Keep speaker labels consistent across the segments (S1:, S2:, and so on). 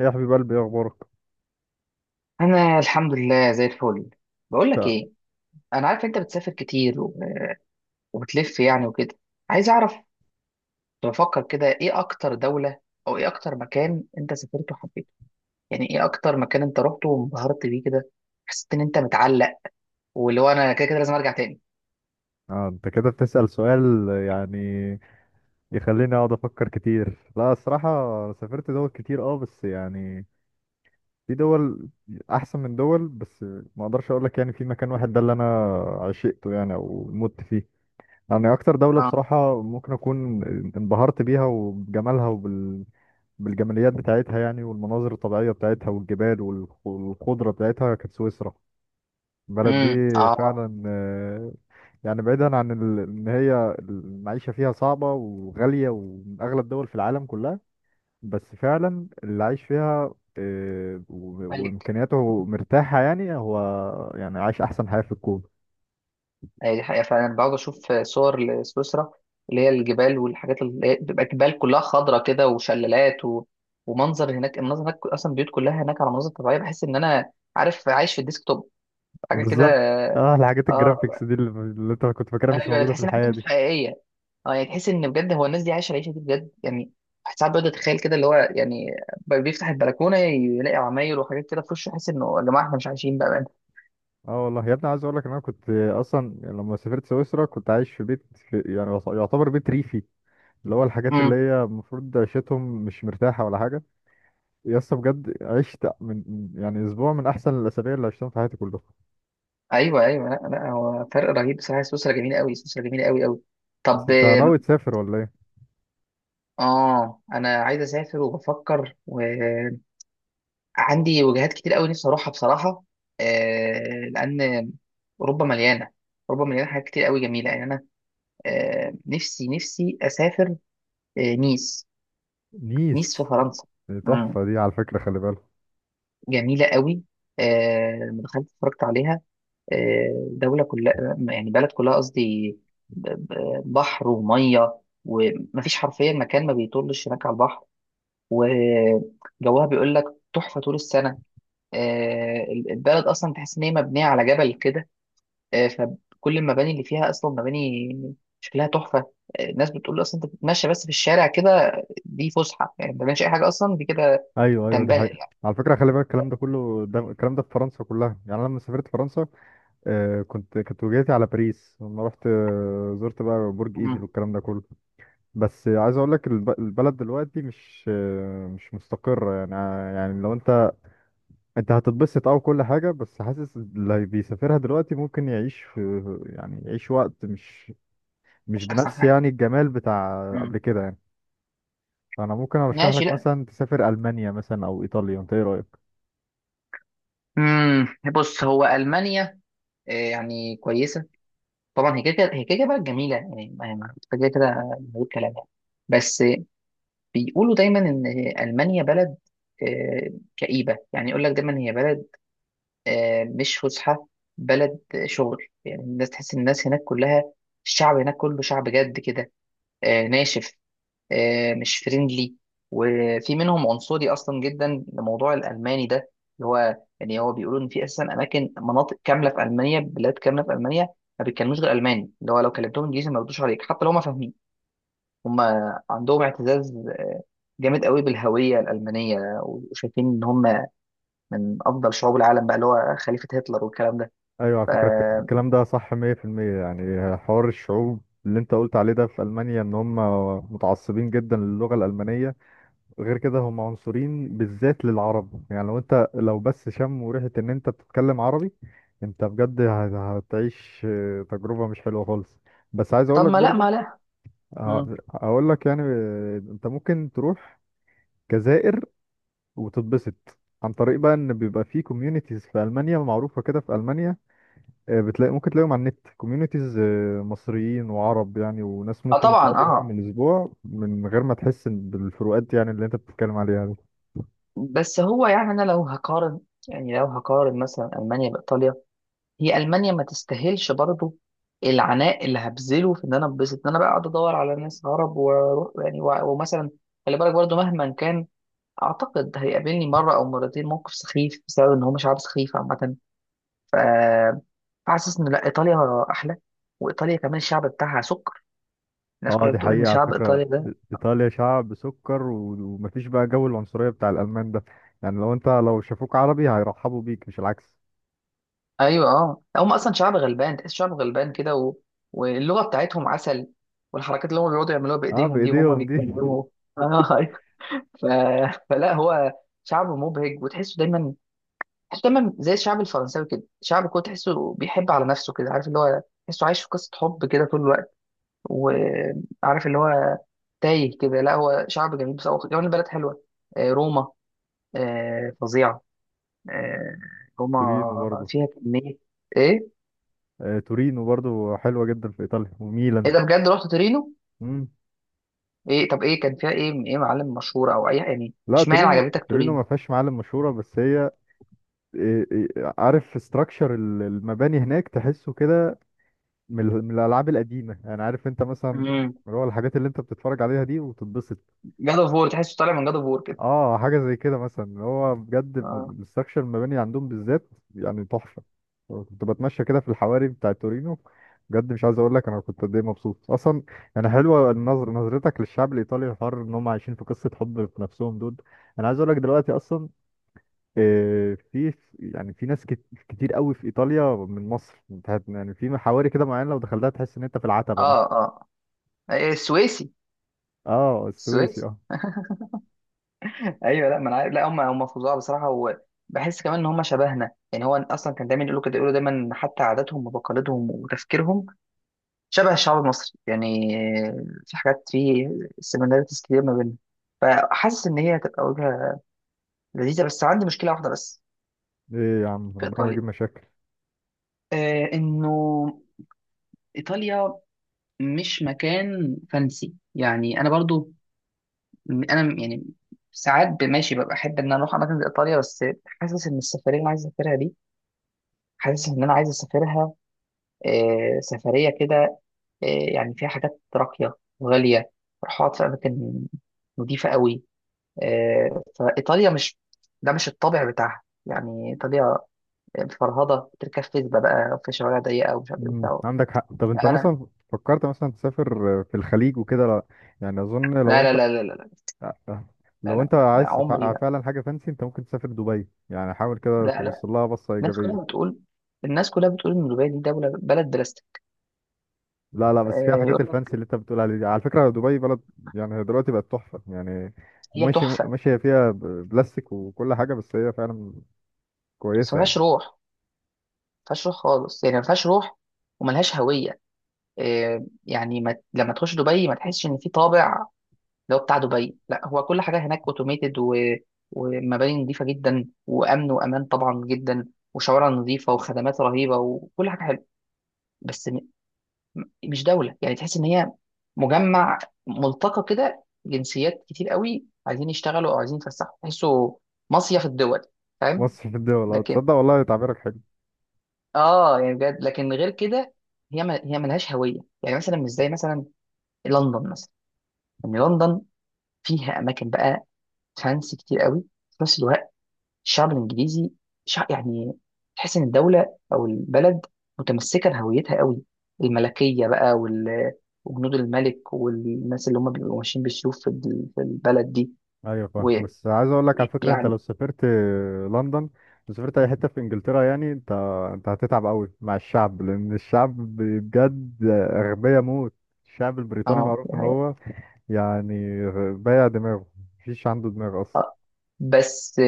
S1: إيه يا حبيب قلبي، إيه اخبارك؟
S2: انا الحمد لله زي الفل. بقول لك
S1: لا،
S2: ايه، انا عارف انت بتسافر كتير وبتلف يعني وكده. عايز اعرف، بفكر كده ايه اكتر دولة او ايه اكتر مكان انت سافرته وحبيته، يعني ايه اكتر مكان انت رحته وانبهرت بيه كده، حسيت ان انت متعلق واللي هو انا كده كده لازم ارجع تاني.
S1: آه، انت كده بتسأل سؤال يعني يخليني اقعد افكر كتير. لا الصراحة أنا سافرت دول كتير اه بس يعني في دول احسن من دول. بس ما اقدرش اقول لك يعني في مكان واحد ده اللي انا عشقته يعني او مت فيه. يعني اكتر دولة
S2: اه.
S1: بصراحة ممكن اكون انبهرت بيها وبجمالها بالجماليات بتاعتها يعني، والمناظر الطبيعية بتاعتها والجبال والخضرة بتاعتها، كانت سويسرا البلد
S2: امم.
S1: دي
S2: اه.
S1: فعلا. يعني بعيدا عن ان هي المعيشة فيها صعبة وغالية ومن اغلى الدول في العالم كلها، بس فعلا اللي عايش فيها آه،
S2: طيب.
S1: وامكانياته مرتاحة يعني هو يعني عايش احسن حياة في الكون.
S2: هي دي حقيقة فعلا، بقعد أشوف صور لسويسرا اللي هي الجبال والحاجات اللي هي بتبقى جبال كلها خضرة كده وشلالات ومنظر هناك المنظر هناك أصلا البيوت كلها هناك على مناظر طبيعية، بحس إن أنا عارف عايش في الديسكتوب، حاجة كده.
S1: بالظبط، اه الحاجات الجرافيكس
S2: اه،
S1: دي اللي انت كنت فاكرها مش
S2: ايوه
S1: موجودة في
S2: تحس ان حاجه
S1: الحياة
S2: مش
S1: دي.
S2: حقيقيه. اه يعني تحس ان بجد هو الناس دي عايشه العيشه دي بجد يعني. واحد ساعات بيقعد يتخيل كده اللي هو يعني بيفتح البلكونه يلاقي عماير وحاجات كده في وشه، يحس انه يا جماعه احنا مش عايشين بقى.
S1: اه والله يا ابني، عايز اقول لك ان انا كنت اصلا يعني لما سافرت سويسرا كنت عايش في بيت، في يعني يعتبر بيت ريفي، اللي هو الحاجات اللي
S2: امم.
S1: هي المفروض عيشتهم مش مرتاحة ولا حاجة. يا اسطى بجد عشت يعني اسبوع من احسن الاسابيع اللي عشتهم في حياتي كلها.
S2: ايوه، ايوه، لا لا، هو فرق رهيب بصراحه. سويسرا جميله قوي، سويسرا جميله قوي قوي.
S1: بس
S2: طب
S1: انت ناوي تسافر ولا ايه؟
S2: اه انا عايز اسافر وبفكر، وعندي وجهات كتير قوي نفسي اروحها بصراحه. لان اوروبا مليانه، اوروبا مليانه حاجات كتير قوي جميله يعني. انا نفسي اسافر. نيس. نيس في
S1: نيس
S2: فرنسا.
S1: دي
S2: مم.
S1: تحفه، دي على فكره خلي بالك.
S2: جميله قوي. لما دخلت اتفرجت عليها. دولة كلها، يعني بلد كلها قصدي، ب- بحر ومية، ومفيش حرفيا مكان ما بيطلش هناك على البحر. آه، جوها بيقول لك تحفة طول السنة. البلد أصلا تحس إن هي مبنية على جبل كده، فكل المباني اللي فيها أصلا مباني شكلها تحفة. الناس بتقول أصلا أنت بتتمشى بس في الشارع كده دي فسحة، يعني ما بتعملش أي حاجة أصلا دي كده
S1: ايوه ايوه دي
S2: تنبهر
S1: حقيقه.
S2: يعني.
S1: على فكره خلي بالك الكلام ده كله، ده الكلام ده في فرنسا كلها. يعني انا لما سافرت فرنسا، آه كنت كانت وجهتي على باريس، لما رحت آه زرت بقى برج ايفل
S2: مم.
S1: والكلام ده كله. بس عايز اقول لك البلد دلوقتي مش آه مش مستقره. يعني آه يعني لو انت انت هتتبسط او كل حاجة، بس حاسس اللي بيسافرها دلوقتي ممكن يعيش في يعني يعيش وقت مش
S2: مش أحسن
S1: بنفس
S2: حاجة.
S1: يعني الجمال بتاع
S2: مم.
S1: قبل كده يعني. فانا ممكن ارشح
S2: ماشي.
S1: لك
S2: لأ.
S1: مثلا تسافر المانيا مثلا او ايطاليا، انت ايه رأيك؟
S2: مم. بص هو ألمانيا يعني كويسة، طبعا هي كده كده بلد جميله يعني، كده كده من غير كلام يعني. بس بيقولوا دايما ان المانيا بلد آه، كئيبه، يعني يقول لك دايما هي بلد مش فسحه، بلد شغل. يعني الناس تحس ان الناس هناك كلها الشعب هناك كله شعب جد كده، ناشف، مش فريندلي. وفي منهم عنصري اصلا جدا لموضوع الالماني ده، اللي هو يعني هو بيقولوا ان في اساسا اماكن، مناطق كامله في المانيا، بلاد كامله في المانيا ما بيتكلموش غير الماني، اللي هو لو كلمتهم انجليزي ما يردوش عليك حتى لو ما فاهمين. هم عندهم اعتزاز جامد قوي بالهويه الالمانيه، وشايفين ان هم من افضل شعوب العالم بقى، اللي هو خليفه هتلر والكلام ده.
S1: ايوه على
S2: ف
S1: فكرة الكلام ده صح 100% يعني حوار الشعوب اللي انت قلت عليه ده في المانيا ان هم متعصبين جدا للغة الالمانية. غير كده هم عنصرين بالذات للعرب، يعني لو انت لو بس شم وريحة ان انت بتتكلم عربي، انت بجد هتعيش آه، تجربة مش حلوة خالص. بس عايز
S2: طب
S1: اقولك
S2: ما لا،
S1: برضو
S2: ما لا. مم.
S1: اقول لك يعني آه، انت ممكن تروح جزائر وتتبسط، عن طريق بقى ان بيبقى في كوميونيتيز في المانيا معروفة كده في المانيا، آه، بتلاقي ممكن تلاقيهم على النت كوميونيتيز مصريين وعرب، يعني وناس
S2: اه
S1: ممكن
S2: طبعا
S1: تقضي معاهم
S2: اه.
S1: الاسبوع من غير ما تحس بالفروقات يعني اللي انت بتتكلم عليها دي.
S2: بس هو يعني انا لو هقارن، يعني لو هقارن مثلا المانيا بايطاليا، هي المانيا ما تستاهلش برضو العناء اللي هبذله في ان انا انبسط، ان انا بقى اقعد ادور على ناس عرب واروح يعني ومثلا خلي بالك برضو مهما كان اعتقد هيقابلني مره او مرتين موقف سخيف بسبب ان هم شعب سخيف عامه. ف- فحاسس ان لا، ايطاليا احلى. وايطاليا كمان الشعب بتاعها سكر، الناس
S1: اه
S2: كلها
S1: دي
S2: بتقول ان
S1: حقيقة على
S2: شعب
S1: فكرة.
S2: ايطاليا ده.
S1: إيطاليا شعب سكر، ومفيش بقى جو العنصرية بتاع الألمان ده. يعني لو أنت لو شافوك عربي هيرحبوا بيك مش العكس.
S2: ايوه، اه هم اصلا شعب غلبان، تحس شعب غلبان كده واللغه بتاعتهم عسل، والحركات اللي هم بيقعدوا يعملوها
S1: اه
S2: بايديهم دي وهم
S1: بإيديهم دي
S2: بيتكلموا. ف... فلا هو شعب مبهج، وتحسه دايما، تحسه دايما زي الشعب الفرنساوي كده. شعب كده تحسه بيحب على نفسه كده، عارف اللي هو تحسه عايش في قصة حب كده طول الوقت، وعارف اللي هو تايه كده. لا هو شعب جميل بس هو كمان البلد حلوة. روما فظيعة. آه، روما
S1: تورينو برضو.
S2: فيها كمية. ايه؟
S1: آه تورينو برضو حلوة جدا في إيطاليا
S2: ايه
S1: وميلان.
S2: ده، بجد رحت تورينو؟
S1: مم.
S2: ايه طب ايه كان فيها، ايه ايه معالم مشهورة او اي يعني،
S1: لا
S2: اشمعنى
S1: تورينو
S2: عجبتك
S1: تورينو
S2: تورينو؟
S1: ما فيهاش معالم مشهورة، بس هي إيه- إيه، عارف ستراكشر المباني هناك تحسه كده من من الألعاب القديمة، يعني عارف أنت مثلا
S2: امم.
S1: اللي هو الحاجات اللي أنت بتتفرج عليها دي وتتبسط.
S2: جاد اوف وور، تحسه طالع من جاد اوف وور كده.
S1: اه حاجه زي كده مثلا، هو بجد
S2: اه.
S1: الاستراكشر المباني عندهم بالذات يعني تحفه. كنت بتمشى كده في الحواري بتاع تورينو، بجد مش عايز اقول لك انا كنت قد ايه مبسوط اصلا. يعني حلوه النظر، نظرتك للشعب الايطالي الحر ان هم عايشين في قصه حب في نفسهم دول. انا عايز اقول لك دلوقتي اصلا آه، في يعني في ناس كتير قوي في ايطاليا من مصر. انت يعني في حواري كده معينه لو دخلتها تحس ان انت في العتبه مثلا.
S2: اه. اه. إيه، السويسي.
S1: اه السويسي
S2: السويسي.
S1: اه.
S2: ايوه، لا ما انا عارف. لا هم فظاع بصراحه، وبحس كمان ان هم شبهنا. يعني هو اصلا كان دايما يقولوا دايما حتى عاداتهم وتقاليدهم وتفكيرهم شبه الشعب المصري يعني. في حاجات، سيميلاريتيز كتير ما بيننا. فحاسس ان هي هتبقى وجهه لذيذه، بس عندي مشكله واحده بس
S1: ايه يا عم،
S2: في
S1: ربنا ما
S2: ايطاليا.
S1: يجيب مشاكل.
S2: آه انه ايطاليا مش مكان فانسي يعني. انا برضو انا يعني ساعات ماشي ببقى احب ان انا اروح اماكن زي ايطاليا، بس حاسس ان السفريه اللي انا عايز اسافرها دي، حاسس ان انا عايز اسافرها سفريه كده آه، يعني فيها حاجات راقيه وغاليه، اروح اقعد في اماكن نضيفه قوي. فايطاليا مش، ده مش الطابع بتاعها يعني. ايطاليا فرهضه، بتركب فيسبا بقى في شوارع ضيقه ومش عارف ايه
S1: مم.
S2: وبتاع.
S1: عندك حق. طب انت
S2: لا انا،
S1: مثلا فكرت مثلا تسافر في الخليج وكده؟ لا يعني اظن لو
S2: لا لا
S1: انت
S2: لا لا لا. لا
S1: لو
S2: لا,
S1: انت
S2: لا
S1: عايز
S2: عمري. لا
S1: فعلا حاجه فانسي، انت ممكن تسافر دبي، يعني حاول كده
S2: لا لا.
S1: تبص لها بصه
S2: الناس
S1: ايجابيه.
S2: كلها بتقول، الناس كلها بتقول ان دبي دي دوله، بلد بلا
S1: لا لا، بس فيها الحاجات
S2: يقول
S1: الفانسي
S2: لك.
S1: اللي انت بتقول عليها دي، على فكره دبي بلد، يعني هي دلوقتي بقت تحفه. يعني
S2: هي
S1: ماشي
S2: تحفه،
S1: ماشيه فيها بلاستيك وكل حاجه، بس هي فعلا
S2: بس ما
S1: كويسه يعني.
S2: فيهاش روح، ما فيهاش روح خالص، يعني ما فيهاش روح وملهاش هويه. يعني ما لما تخش دبي ما تحسش ان في طابع اللي هو بتاع دبي. لا، هو كل حاجه هناك اوتوميتد ومباني نظيفه جدا، وامن وامان طبعا جدا، وشوارع نظيفه، وخدمات رهيبه، وكل حاجه حلوه، بس مش دوله. يعني تحس ان هي مجمع، ملتقى كده جنسيات كتير قوي عايزين يشتغلوا او عايزين يتفسحوا، تحسه مصيف الدول، فاهم؟
S1: مصر في الدول،
S2: لكن
S1: هتصدق والله تعبيرك حلو.
S2: اه يعني بجد، لكن غير كده هي ما هي ملهاش هويه. يعني مثلا مش زي مثلا لندن مثلا، ان لندن فيها اماكن بقى فانسي كتير قوي، في نفس الوقت الشعب الانجليزي شعب يعني، تحس ان الدوله او البلد متمسكه بهويتها قوي، الملكيه بقى وجنود الملك والناس اللي هم بيبقوا ماشيين بالسيوف في البلد دي،
S1: ايوه فاهم،
S2: ويعني
S1: بس عايز اقول لك على فكره انت لو سافرت لندن، لو سافرت اي حته في انجلترا، يعني انت انت هتتعب قوي مع الشعب، لان الشعب بجد اغبياء موت. الشعب البريطاني
S2: اه
S1: معروف ان
S2: يعني
S1: هو يعني بايع دماغه، مفيش عنده دماغ اصلا.
S2: آه، بس،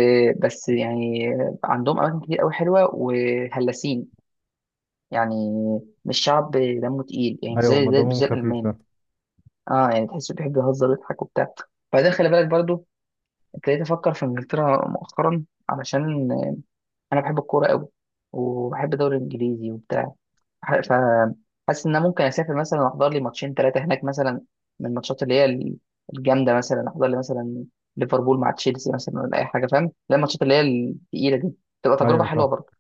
S2: بس يعني عندهم اماكن كتير قوي حلوه وهلاسين يعني. مش شعب دمه تقيل، يعني
S1: ايوه ما
S2: مش
S1: دمهم
S2: زي
S1: خفيف
S2: الالماني.
S1: فاهم.
S2: اه يعني تحس بيحب يهزر ويضحك وبتاع. بعدين خلي بالك برضو، ابتديت افكر في انجلترا مؤخرا علشان انا بحب الكوره قوي، وبحب الدوري الانجليزي وبتاع، فحاسس ان انا ممكن اسافر مثلا واحضر لي ماتشين ثلاثه هناك مثلا، من الماتشات اللي هي الجامده مثلا، احضر لي مثلا ليفربول مع تشيلسي مثلا، ولا اي حاجه، فاهم؟ لا، الماتشات اللي هي الثقيله دي تبقى تجربه
S1: ايوه
S2: حلوه
S1: فاهم.
S2: برضه.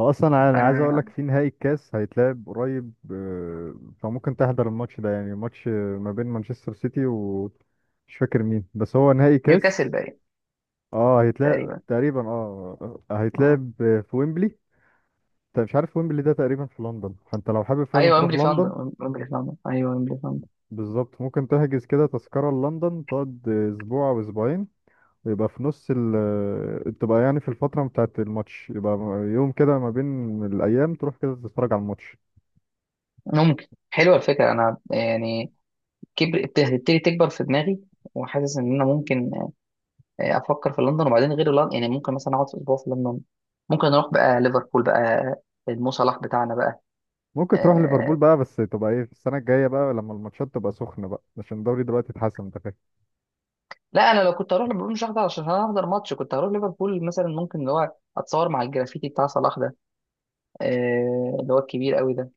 S1: هو اصلا انا عايز اقول لك
S2: آه
S1: في نهائي الكاس هيتلعب قريب آه، فممكن تحضر الماتش ده. يعني ماتش آه، ما بين مانشستر سيتي و مش فاكر مين، بس هو نهائي
S2: نيوكاسل
S1: كاس.
S2: باين
S1: اه هيتلعب
S2: تقريبا.
S1: تقريبا، اه
S2: اه.
S1: هيتلعب في ويمبلي. انت مش عارف ويمبلي ده تقريبا في لندن، فانت لو حابب فعلا
S2: ايوه،
S1: تروح
S2: ويمبلي فاندر،
S1: لندن
S2: ويمبلي فاندر، ايوه ويمبلي فاندر.
S1: بالظبط ممكن تحجز كده تذكرة لندن، تقعد اسبوع او اسبوعين، ويبقى في نص ال آه، تبقى يعني في الفترة بتاعت الماتش، يبقى يوم كده ما بين الأيام تروح كده تتفرج على الماتش.
S2: ممكن، حلوه الفكره انا يعني كبر، بتبتدي تكبر في دماغي، وحاسس ان انا ممكن افكر في لندن، وبعدين غير لندن يعني ممكن مثلا اقعد في اسبوع في لندن، ممكن اروح بقى ليفربول بقى، المو صلاح بتاعنا بقى.
S1: ممكن تروح ليفربول
S2: آه،
S1: بقى، بس تبقى ايه في السنة الجاية بقى لما الماتشات تبقى سخنة بقى، عشان الدوري دلوقتي اتحسن، انت فاهم.
S2: لا انا لو كنت هروح ليفربول مش هحضر عشان هحضر ماتش، كنت هروح ليفربول مثلا ممكن اللي هو اتصور مع الجرافيتي بتاع صلاح ده اللي هو الكبير قوي ده.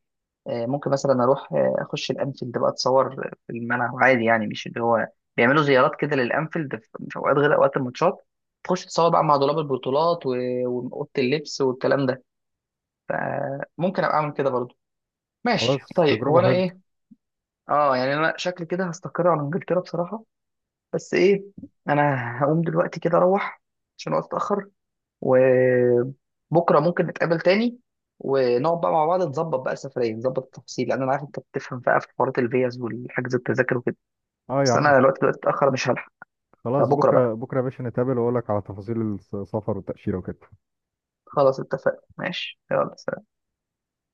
S2: ممكن مثلا اروح اخش الانفيلد بقى، اتصور في الملعب عادي، يعني مش اللي هو بيعملوا زيارات كده للانفيلد في اوقات غير اوقات الماتشات، تخش تتصور بقى مع دولاب البطولات واوضه اللبس والكلام ده. فممكن ابقى اعمل كده برضو. ماشي
S1: خلاص
S2: طيب، هو
S1: تجربة
S2: انا ايه،
S1: حلوة.
S2: اه يعني انا شكلي كده هستقر على انجلترا بصراحه. بس ايه، انا هقوم دلوقتي كده اروح عشان وقت اتاخر، وبكره ممكن نتقابل تاني ونقعد بقى مع بعض نظبط بقى السفريه، نظبط التفاصيل، لان انا عارف انت بتفهم بقى في حوارات الفيز والحجز التذاكر وكده.
S1: اه يا
S2: بس
S1: عم.
S2: انا الوقت دلوقتي اتاخر، مش هلحق.
S1: خلاص
S2: فبكره بقى،
S1: بكره بكره يا باشا نتقابل واقول لك على تفاصيل السفر والتاشيره وكده.
S2: خلاص اتفقنا، ماشي، يلا سلام.